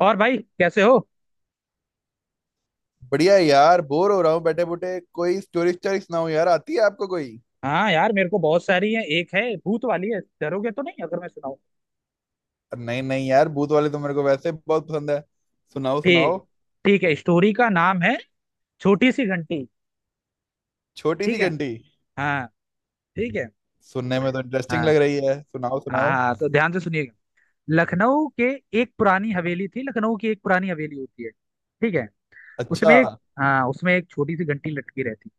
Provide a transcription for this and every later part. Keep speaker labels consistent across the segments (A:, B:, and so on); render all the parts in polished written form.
A: और भाई, कैसे हो?
B: बढ़िया है यार। बोर हो रहा हूँ बैठे बूटे। कोई स्टोरी स्टोरी सुनाओ यार। आती है आपको कोई।
A: हाँ यार, मेरे को बहुत सारी है। एक है भूत वाली है। डरोगे तो नहीं अगर मैं सुनाऊं?
B: नहीं नहीं यार, भूत वाले तो मेरे को वैसे बहुत पसंद है। सुनाओ
A: ठीक
B: सुनाओ।
A: ठीक है स्टोरी का नाम है, छोटी सी घंटी।
B: छोटी सी
A: ठीक है।
B: घंटी।
A: हाँ। ठीक है।
B: सुनने में तो इंटरेस्टिंग लग
A: हाँ,
B: रही है, सुनाओ
A: हाँ।
B: सुनाओ।
A: हाँ, तो ध्यान से सुनिएगा। लखनऊ के लखनऊ की एक पुरानी हवेली होती है। ठीक है।
B: अच्छा।
A: उसमें एक हाँ, उसमें एक छोटी सी घंटी लटकी रहती।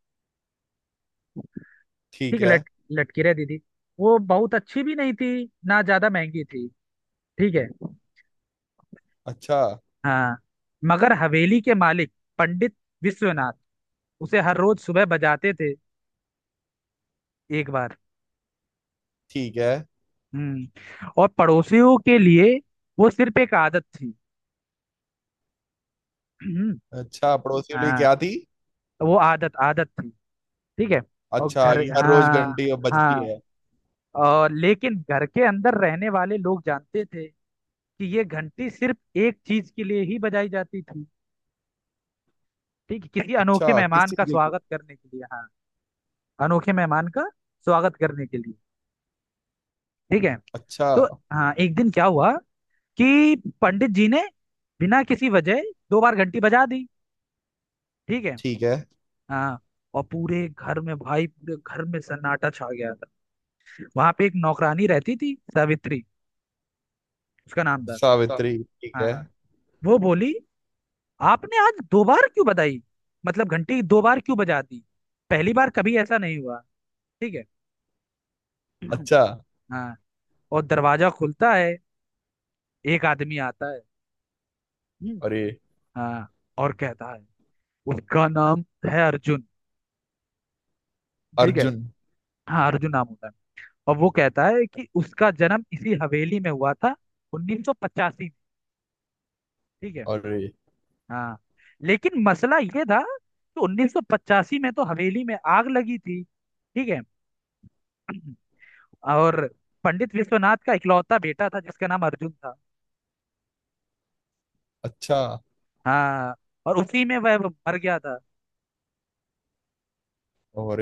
B: ठीक
A: ठीक है।
B: है।
A: लट लटकी रहती थी। वो बहुत अच्छी भी नहीं थी, ना ज्यादा महंगी थी। ठीक है।
B: अच्छा,
A: हाँ। मगर हवेली के मालिक पंडित विश्वनाथ उसे हर रोज सुबह बजाते थे, एक बार।
B: ठीक है।
A: और पड़ोसियों के लिए वो सिर्फ एक आदत थी। हम्म,
B: अच्छा, पड़ोसी वाली
A: हाँ,
B: क्या थी।
A: तो वो आदत आदत थी। ठीक है। और
B: अच्छा आ
A: घर
B: गई, हर रोज
A: हाँ,
B: घंटी अब बजती
A: हाँ।
B: है।
A: लेकिन घर के अंदर रहने वाले लोग जानते थे कि ये घंटी सिर्फ एक चीज के लिए ही बजाई जाती थी। ठीक है, किसी अनोखे
B: अच्छा, किस
A: मेहमान
B: चीज
A: का
B: के लिए।
A: स्वागत करने के लिए। हाँ, अनोखे मेहमान का स्वागत करने के लिए। ठीक है।
B: अच्छा।
A: तो, हाँ, एक दिन क्या हुआ कि पंडित जी ने बिना किसी वजह दो बार घंटी बजा दी। ठीक है।
B: ठीक है।
A: हाँ। और पूरे घर में, भाई, पूरे घर में सन्नाटा छा गया था। वहां पे एक नौकरानी रहती थी, सावित्री उसका नाम था। सा-
B: सावित्री, ठीक
A: हाँ,
B: है।
A: हाँ। वो बोली, आपने आज दो बार क्यों बजाई? मतलब, घंटी दो बार क्यों बजा दी? पहली बार कभी ऐसा नहीं हुआ। ठीक है।
B: अच्छा।
A: हाँ। और दरवाजा खुलता है, एक आदमी आता है। हम्म,
B: अरे।
A: हाँ, और कहता है, उसका नाम है अर्जुन। ठीक है।
B: अर्जुन।
A: हाँ, अर्जुन नाम होता है। और वो कहता है कि उसका जन्म इसी हवेली में हुआ था, 1985 में। ठीक है।
B: अरे।
A: हाँ। लेकिन मसला ये था कि 1985 में तो हवेली में आग लगी थी। ठीक है। और पंडित विश्वनाथ का इकलौता बेटा था, जिसका नाम अर्जुन था।
B: अच्छा।
A: हाँ। और उसी में वह मर गया था।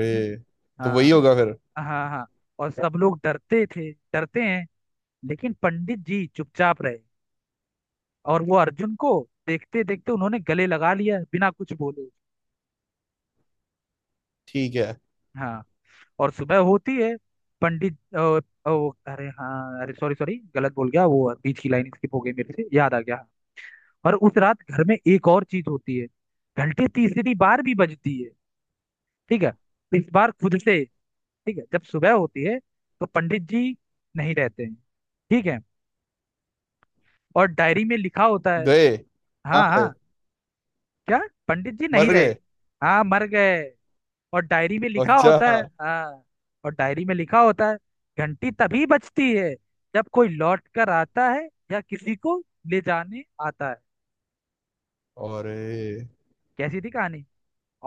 B: तो वही
A: हाँ,
B: होगा फिर।
A: हाँ, हाँ। और सब लोग डरते थे, डरते हैं, लेकिन पंडित जी चुपचाप रहे, और वो अर्जुन को देखते देखते उन्होंने गले लगा लिया बिना कुछ बोले।
B: ठीक है।
A: हाँ। और सुबह होती है। पंडित वो, अरे हाँ, अरे सॉरी सॉरी गलत बोल गया, वो बीच की लाइन स्किप हो गई, मेरे से याद आ गया। और उस रात घर में एक और चीज होती है, घंटी तीसरी बार भी बजती है। ठीक है, इस बार खुद से। ठीक है, जब सुबह होती है तो पंडित जी नहीं रहते हैं। ठीक है। और डायरी में लिखा होता है।
B: गए कहाँ
A: हाँ,
B: गए।
A: हाँ, क्या? पंडित जी नहीं
B: मर
A: रहे।
B: गए।
A: हाँ, मर गए। और डायरी में लिखा
B: अच्छा।
A: होता है। हाँ। और डायरी में लिखा होता है, घंटी तभी बजती है जब कोई लौट कर आता है या किसी को ले जाने आता है।
B: अरे
A: कैसी थी कहानी?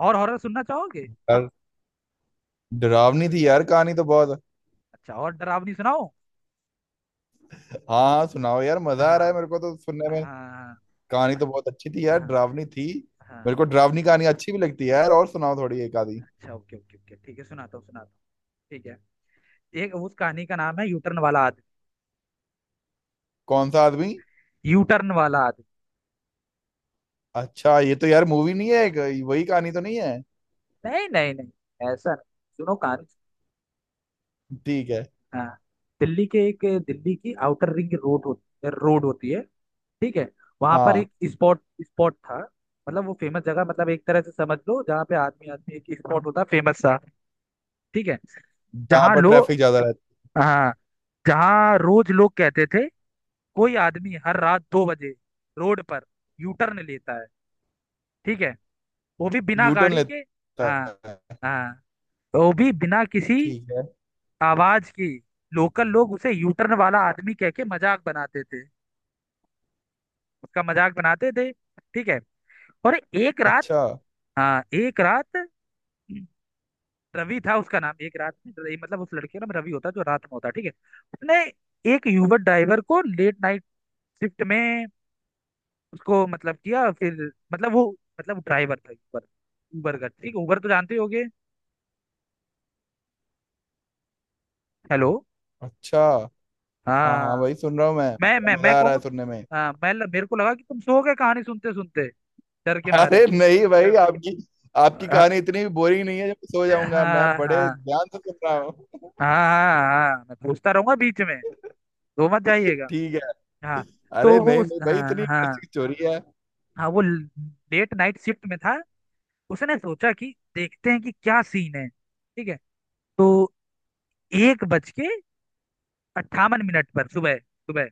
A: और हॉरर सुनना चाहोगे?
B: यार, डरावनी थी यार कहानी तो बहुत।
A: अच्छा, और डरावनी सुनाओ।
B: हाँ हाँ सुनाओ यार, मजा आ रहा है
A: हाँ,
B: मेरे को तो सुनने में।
A: हाँ,
B: कहानी तो बहुत अच्छी थी यार,
A: हाँ,
B: डरावनी थी।
A: हाँ।
B: मेरे को डरावनी कहानी अच्छी भी लगती है यार, और सुनाओ थोड़ी एक आधी।
A: अच्छा, ओके, ओके, ओके, ठीक है, सुनाता हूँ, सुनाता हूँ। ठीक है। एक उस कहानी का नाम है, यूटर्न वाला आदमी।
B: कौन सा आदमी।
A: यूटर्न वाला आदमी।
B: अच्छा ये तो यार मूवी नहीं है एक, वही कहानी तो नहीं है।
A: नहीं, नहीं, नहीं, ऐसा नहीं, सुनो कहानी।
B: ठीक है।
A: हाँ। दिल्ली के एक दिल्ली की आउटर रिंग रोड होती है। ठीक है। वहां पर
B: हाँ।
A: एक स्पॉट स्पॉट था, मतलब वो फेमस जगह, मतलब एक तरह से समझ लो, जहाँ पे आदमी आदमी एक स्पॉट होता, फेमस सा। ठीक है।
B: जहाँ
A: जहाँ
B: पर
A: लोग
B: ट्रैफिक ज्यादा रहता
A: हाँ, जहाँ रोज लोग कहते थे, कोई आदमी हर रात दो बजे रोड पर यू टर्न लेता है। ठीक है, वो भी
B: है।
A: बिना
B: यू टर्न
A: गाड़ी के।
B: लेता
A: हाँ,
B: है।
A: हाँ, वो भी बिना किसी
B: ठीक है।
A: आवाज की। लोकल लोग उसे यू टर्न वाला आदमी कह के मजाक बनाते थे, उसका मजाक बनाते थे। ठीक है। और एक रात,
B: अच्छा।
A: हाँ एक रात, रवि था उसका नाम, एक रात में मतलब, उस लड़के का नाम रवि होता है, जो रात में होता है, ठीक है। उसने एक यूबर ड्राइवर को लेट नाइट शिफ्ट में, उसको मतलब किया फिर, मतलब वो, मतलब ड्राइवर था ऊबर ऊबर का, ठीक है, ऊबर तो जानते ही होगे। हेलो?
B: अच्छा। हाँ हाँ
A: हाँ,
B: भाई, सुन रहा हूँ मैं,
A: मैं मैं
B: बड़ा
A: मैं
B: मजा आ रहा है
A: कहूँ?
B: सुनने में।
A: हाँ, मैं, मेरे को लगा कि तुम सो गए कहानी सुनते सुनते, डर के मारे।
B: अरे नहीं भाई, आपकी आपकी
A: हाँ,
B: कहानी इतनी भी बोरिंग नहीं है जब मैं सो
A: हाँ,
B: जाऊंगा। मैं
A: हाँ,
B: बड़े
A: हाँ,
B: ध्यान से सुन रहा हूँ।
A: हाँ, हाँ, हाँ, मैं पूछता रहूंगा बीच में, वो मत जाइएगा।
B: ठीक है।
A: हाँ।
B: अरे
A: तो वो
B: नहीं
A: उस
B: नहीं भाई,
A: हाँ,
B: इतनी
A: हाँ,
B: इंटरेस्टिंग स्टोरी है।
A: हाँ, वो लेट नाइट शिफ्ट में था। उसने सोचा कि देखते हैं कि क्या सीन है। ठीक है। तो 1:58 पर, सुबह सुबह,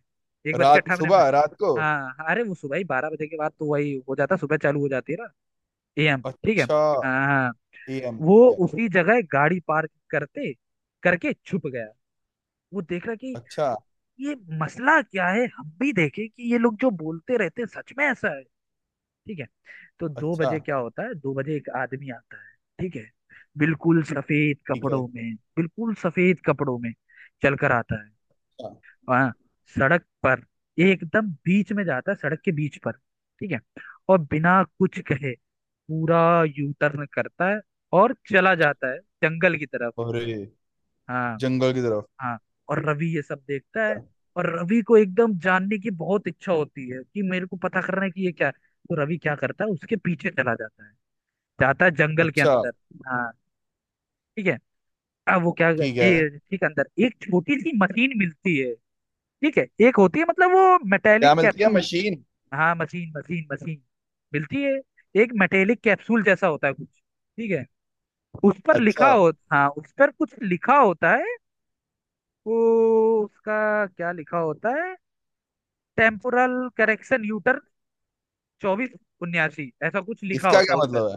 A: एक बज के
B: रात,
A: अट्ठावन मिनट
B: सुबह, रात को।
A: हाँ, अरे वो सुबह ही, 12 बजे के बाद तो वही हो जाता, सुबह चालू हो जाती है ना। एएम। ठीक है।
B: अच्छा।
A: हाँ, हाँ।
B: ए एम
A: वो
B: ठीक है।
A: उसी जगह गाड़ी पार्क करते करके छुप गया। वो देख रहा कि
B: अच्छा।
A: ये मसला क्या है, हम भी देखे कि ये लोग जो बोलते रहते हैं, सच में ऐसा है। ठीक है। तो दो
B: अच्छा।
A: बजे क्या होता है, दो बजे एक आदमी आता है। ठीक है, बिल्कुल सफेद
B: ठीक है।
A: कपड़ों में, बिल्कुल सफेद कपड़ों में चल कर आता है।
B: अच्छा।
A: हाँ, सड़क पर, एकदम बीच में जाता है, सड़क के बीच पर। ठीक है। और बिना कुछ कहे पूरा यू टर्न करता है, और चला जाता है जंगल की तरफ।
B: और
A: हाँ,
B: जंगल की तरफ।
A: हाँ। और रवि ये सब देखता है।
B: अच्छा।
A: और रवि को एकदम जानने की बहुत इच्छा होती है कि मेरे को पता करना है कि ये क्या है। तो रवि क्या करता है, उसके पीछे चला जाता है, जाता है जंगल के
B: अच्छा,
A: अंदर। हाँ। ठीक है। अब वो क्या कर
B: ठीक है।
A: ए, ठीक है, अंदर एक छोटी सी मशीन मिलती है। ठीक है, एक होती है, मतलब वो मेटेलिक
B: क्या मिलती है
A: कैप्सूल।
B: मशीन।
A: हाँ, मशीन मशीन मशीन मिलती है। एक मेटेलिक कैप्सूल जैसा होता है कुछ। ठीक है। उस पर लिखा
B: अच्छा।
A: हो हाँ, उस पर कुछ लिखा होता है। वो उसका क्या लिखा होता है, टेम्पोरल करेक्शन यूटर, 24 79, ऐसा कुछ लिखा
B: इसका
A: होता है
B: क्या
A: उस पर।
B: मतलब है।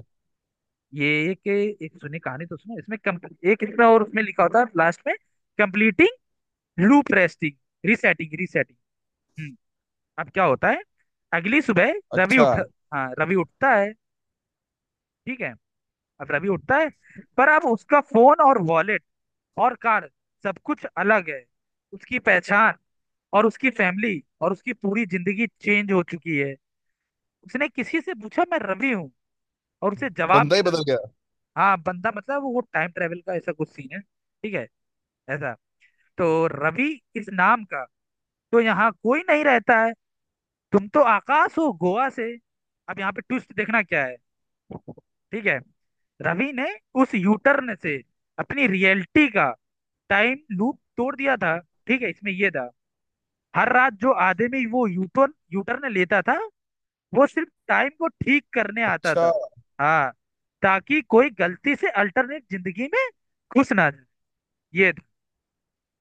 A: ये एक एक सुनी कहानी तो सुनो, इसमें एक इसमें, और उसमें लिखा होता है लास्ट में, completing loop, resting, resetting, resetting. Hmm. अब क्या होता है, अगली सुबह रवि
B: अच्छा।
A: उठ हाँ, रवि उठता है। ठीक है। अब रवि उठता है, पर अब उसका फोन और वॉलेट और कार, सब कुछ अलग है। उसकी पहचान और उसकी फैमिली और उसकी पूरी जिंदगी चेंज हो चुकी है। उसने किसी से पूछा, मैं रवि हूँ? और उसे जवाब
B: बंदा ही
A: मिला।
B: बदल गया।
A: हाँ, बंदा मतलब, वो टाइम ट्रेवल का ऐसा कुछ सीन है, ठीक है, ऐसा। तो रवि इस नाम का तो यहाँ कोई नहीं रहता है, तुम तो आकाश हो गोवा से। अब यहाँ पे ट्विस्ट देखना क्या है। ठीक है, रवि ने उस यूटर्न से अपनी रियलिटी का टाइम लूप तोड़ दिया था। ठीक है, इसमें ये था। हर रात जो आदमी वो यूटर्न यूटर्न लेता था, वो सिर्फ टाइम को ठीक करने आता
B: अच्छा।
A: था। हाँ, ताकि कोई गलती से अल्टरनेट जिंदगी में घुस ना जाए, ये था।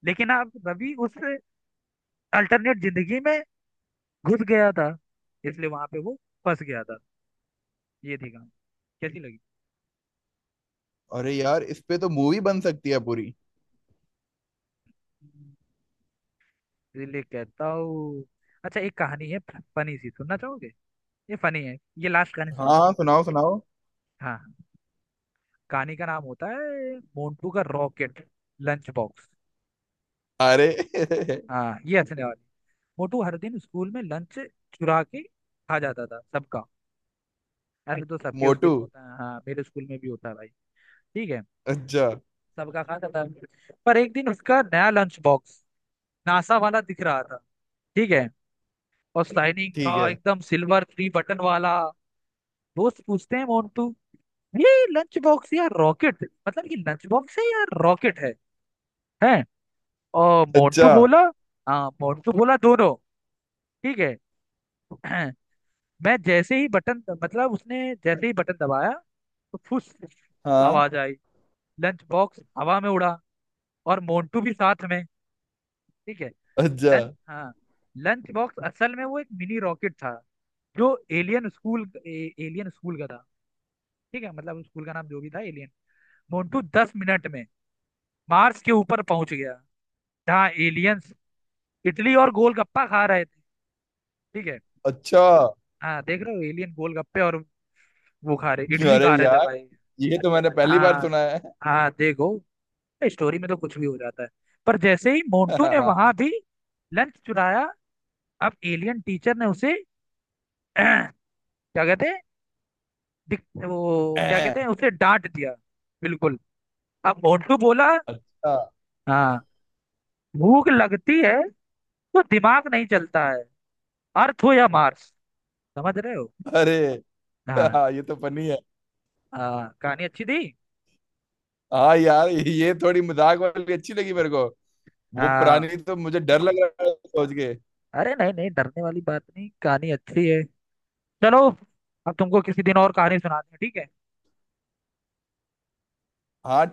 A: लेकिन अब रवि उस अल्टरनेट जिंदगी में घुस गया था, इसलिए वहां पे वो फंस गया था। ये थी कहानी, कैसी लगी?
B: अरे यार, इस पे तो मूवी बन सकती है पूरी।
A: इसलिए कहता हूँ, अच्छा एक कहानी है फनी सी, सुनना चाहोगे? ये फनी है, ये लास्ट कहानी सुनाऊंगा
B: हाँ
A: मैं, बस।
B: सुनाओ सुनाओ।
A: हाँ, हाँ। कहानी का नाम होता है, मोंटू का रॉकेट लंच बॉक्स।
B: अरे
A: हाँ, ये हंसने वाली। मोटू हर दिन स्कूल में लंच चुरा के खा जाता था सबका। ऐसे तो सबके स्कूल
B: मोटू।
A: में होता है, हाँ मेरे स्कूल में भी होता है भाई। ठीक है।
B: अच्छा।
A: सबका खाता था। पर एक दिन उसका नया लंच बॉक्स नासा वाला दिख रहा था। ठीक है, और शाइनिंग
B: ठीक
A: था
B: है।
A: एकदम, सिल्वर, थ्री बटन वाला। दोस्त पूछते हैं, मोन्टू ये लंच बॉक्स या रॉकेट? मतलब, ये लंच बॉक्स है या रॉकेट है? हैं? और मोन्टू
B: अच्छा।
A: बोला, हाँ मोन्टू बोला, दोनों। ठीक है। मैं जैसे ही बटन मतलब उसने जैसे ही बटन दबाया, तो फुस
B: हाँ।
A: आवाज आई, लंच बॉक्स हवा में उड़ा, और मोन्टू भी साथ में। ठीक है।
B: अच्छा।
A: लंच हाँ, लंच बॉक्स असल में वो एक मिनी रॉकेट था, जो एलियन स्कूल, एलियन स्कूल का था। ठीक है, मतलब स्कूल का नाम जो भी था, एलियन। मोन्टू 10 मिनट में मार्स के ऊपर पहुंच गया, जहाँ एलियंस इडली और गोलगप्पा खा रहे थे। ठीक है।
B: अच्छा।
A: हाँ, देख रहे हो, एलियन गोलगप्पे, और वो खा रहे, इडली
B: अरे
A: खा रहे थे
B: यार,
A: भाई।
B: ये तो मैंने पहली बार
A: हाँ,
B: सुना है।
A: हाँ। देखो, स्टोरी में तो कुछ भी हो जाता है। पर जैसे ही मोन्टू ने वहां
B: हाँ,
A: भी लंच चुराया, अब एलियन टीचर ने उसे क्या कहते हैं, वो क्या कहते हैं, उसे डांट दिया, बिल्कुल। अब मोन्टू बोला,
B: अच्छा।
A: हाँ, भूख लगती है तो दिमाग नहीं चलता है, अर्थ हो या मार्स, समझ रहे हो?
B: अरे।
A: हाँ।
B: हाँ, ये तो फनी है।
A: कहानी अच्छी थी।
B: हाँ यार, ये थोड़ी मजाक वाली अच्छी लगी मेरे को। वो
A: हाँ।
B: पुरानी तो मुझे डर लग रहा है सोच के।
A: अरे नहीं, नहीं, डरने वाली बात नहीं, कहानी अच्छी है। चलो, अब तुमको किसी दिन और कहानी सुनाते हैं। ठीक है।
B: हाँ।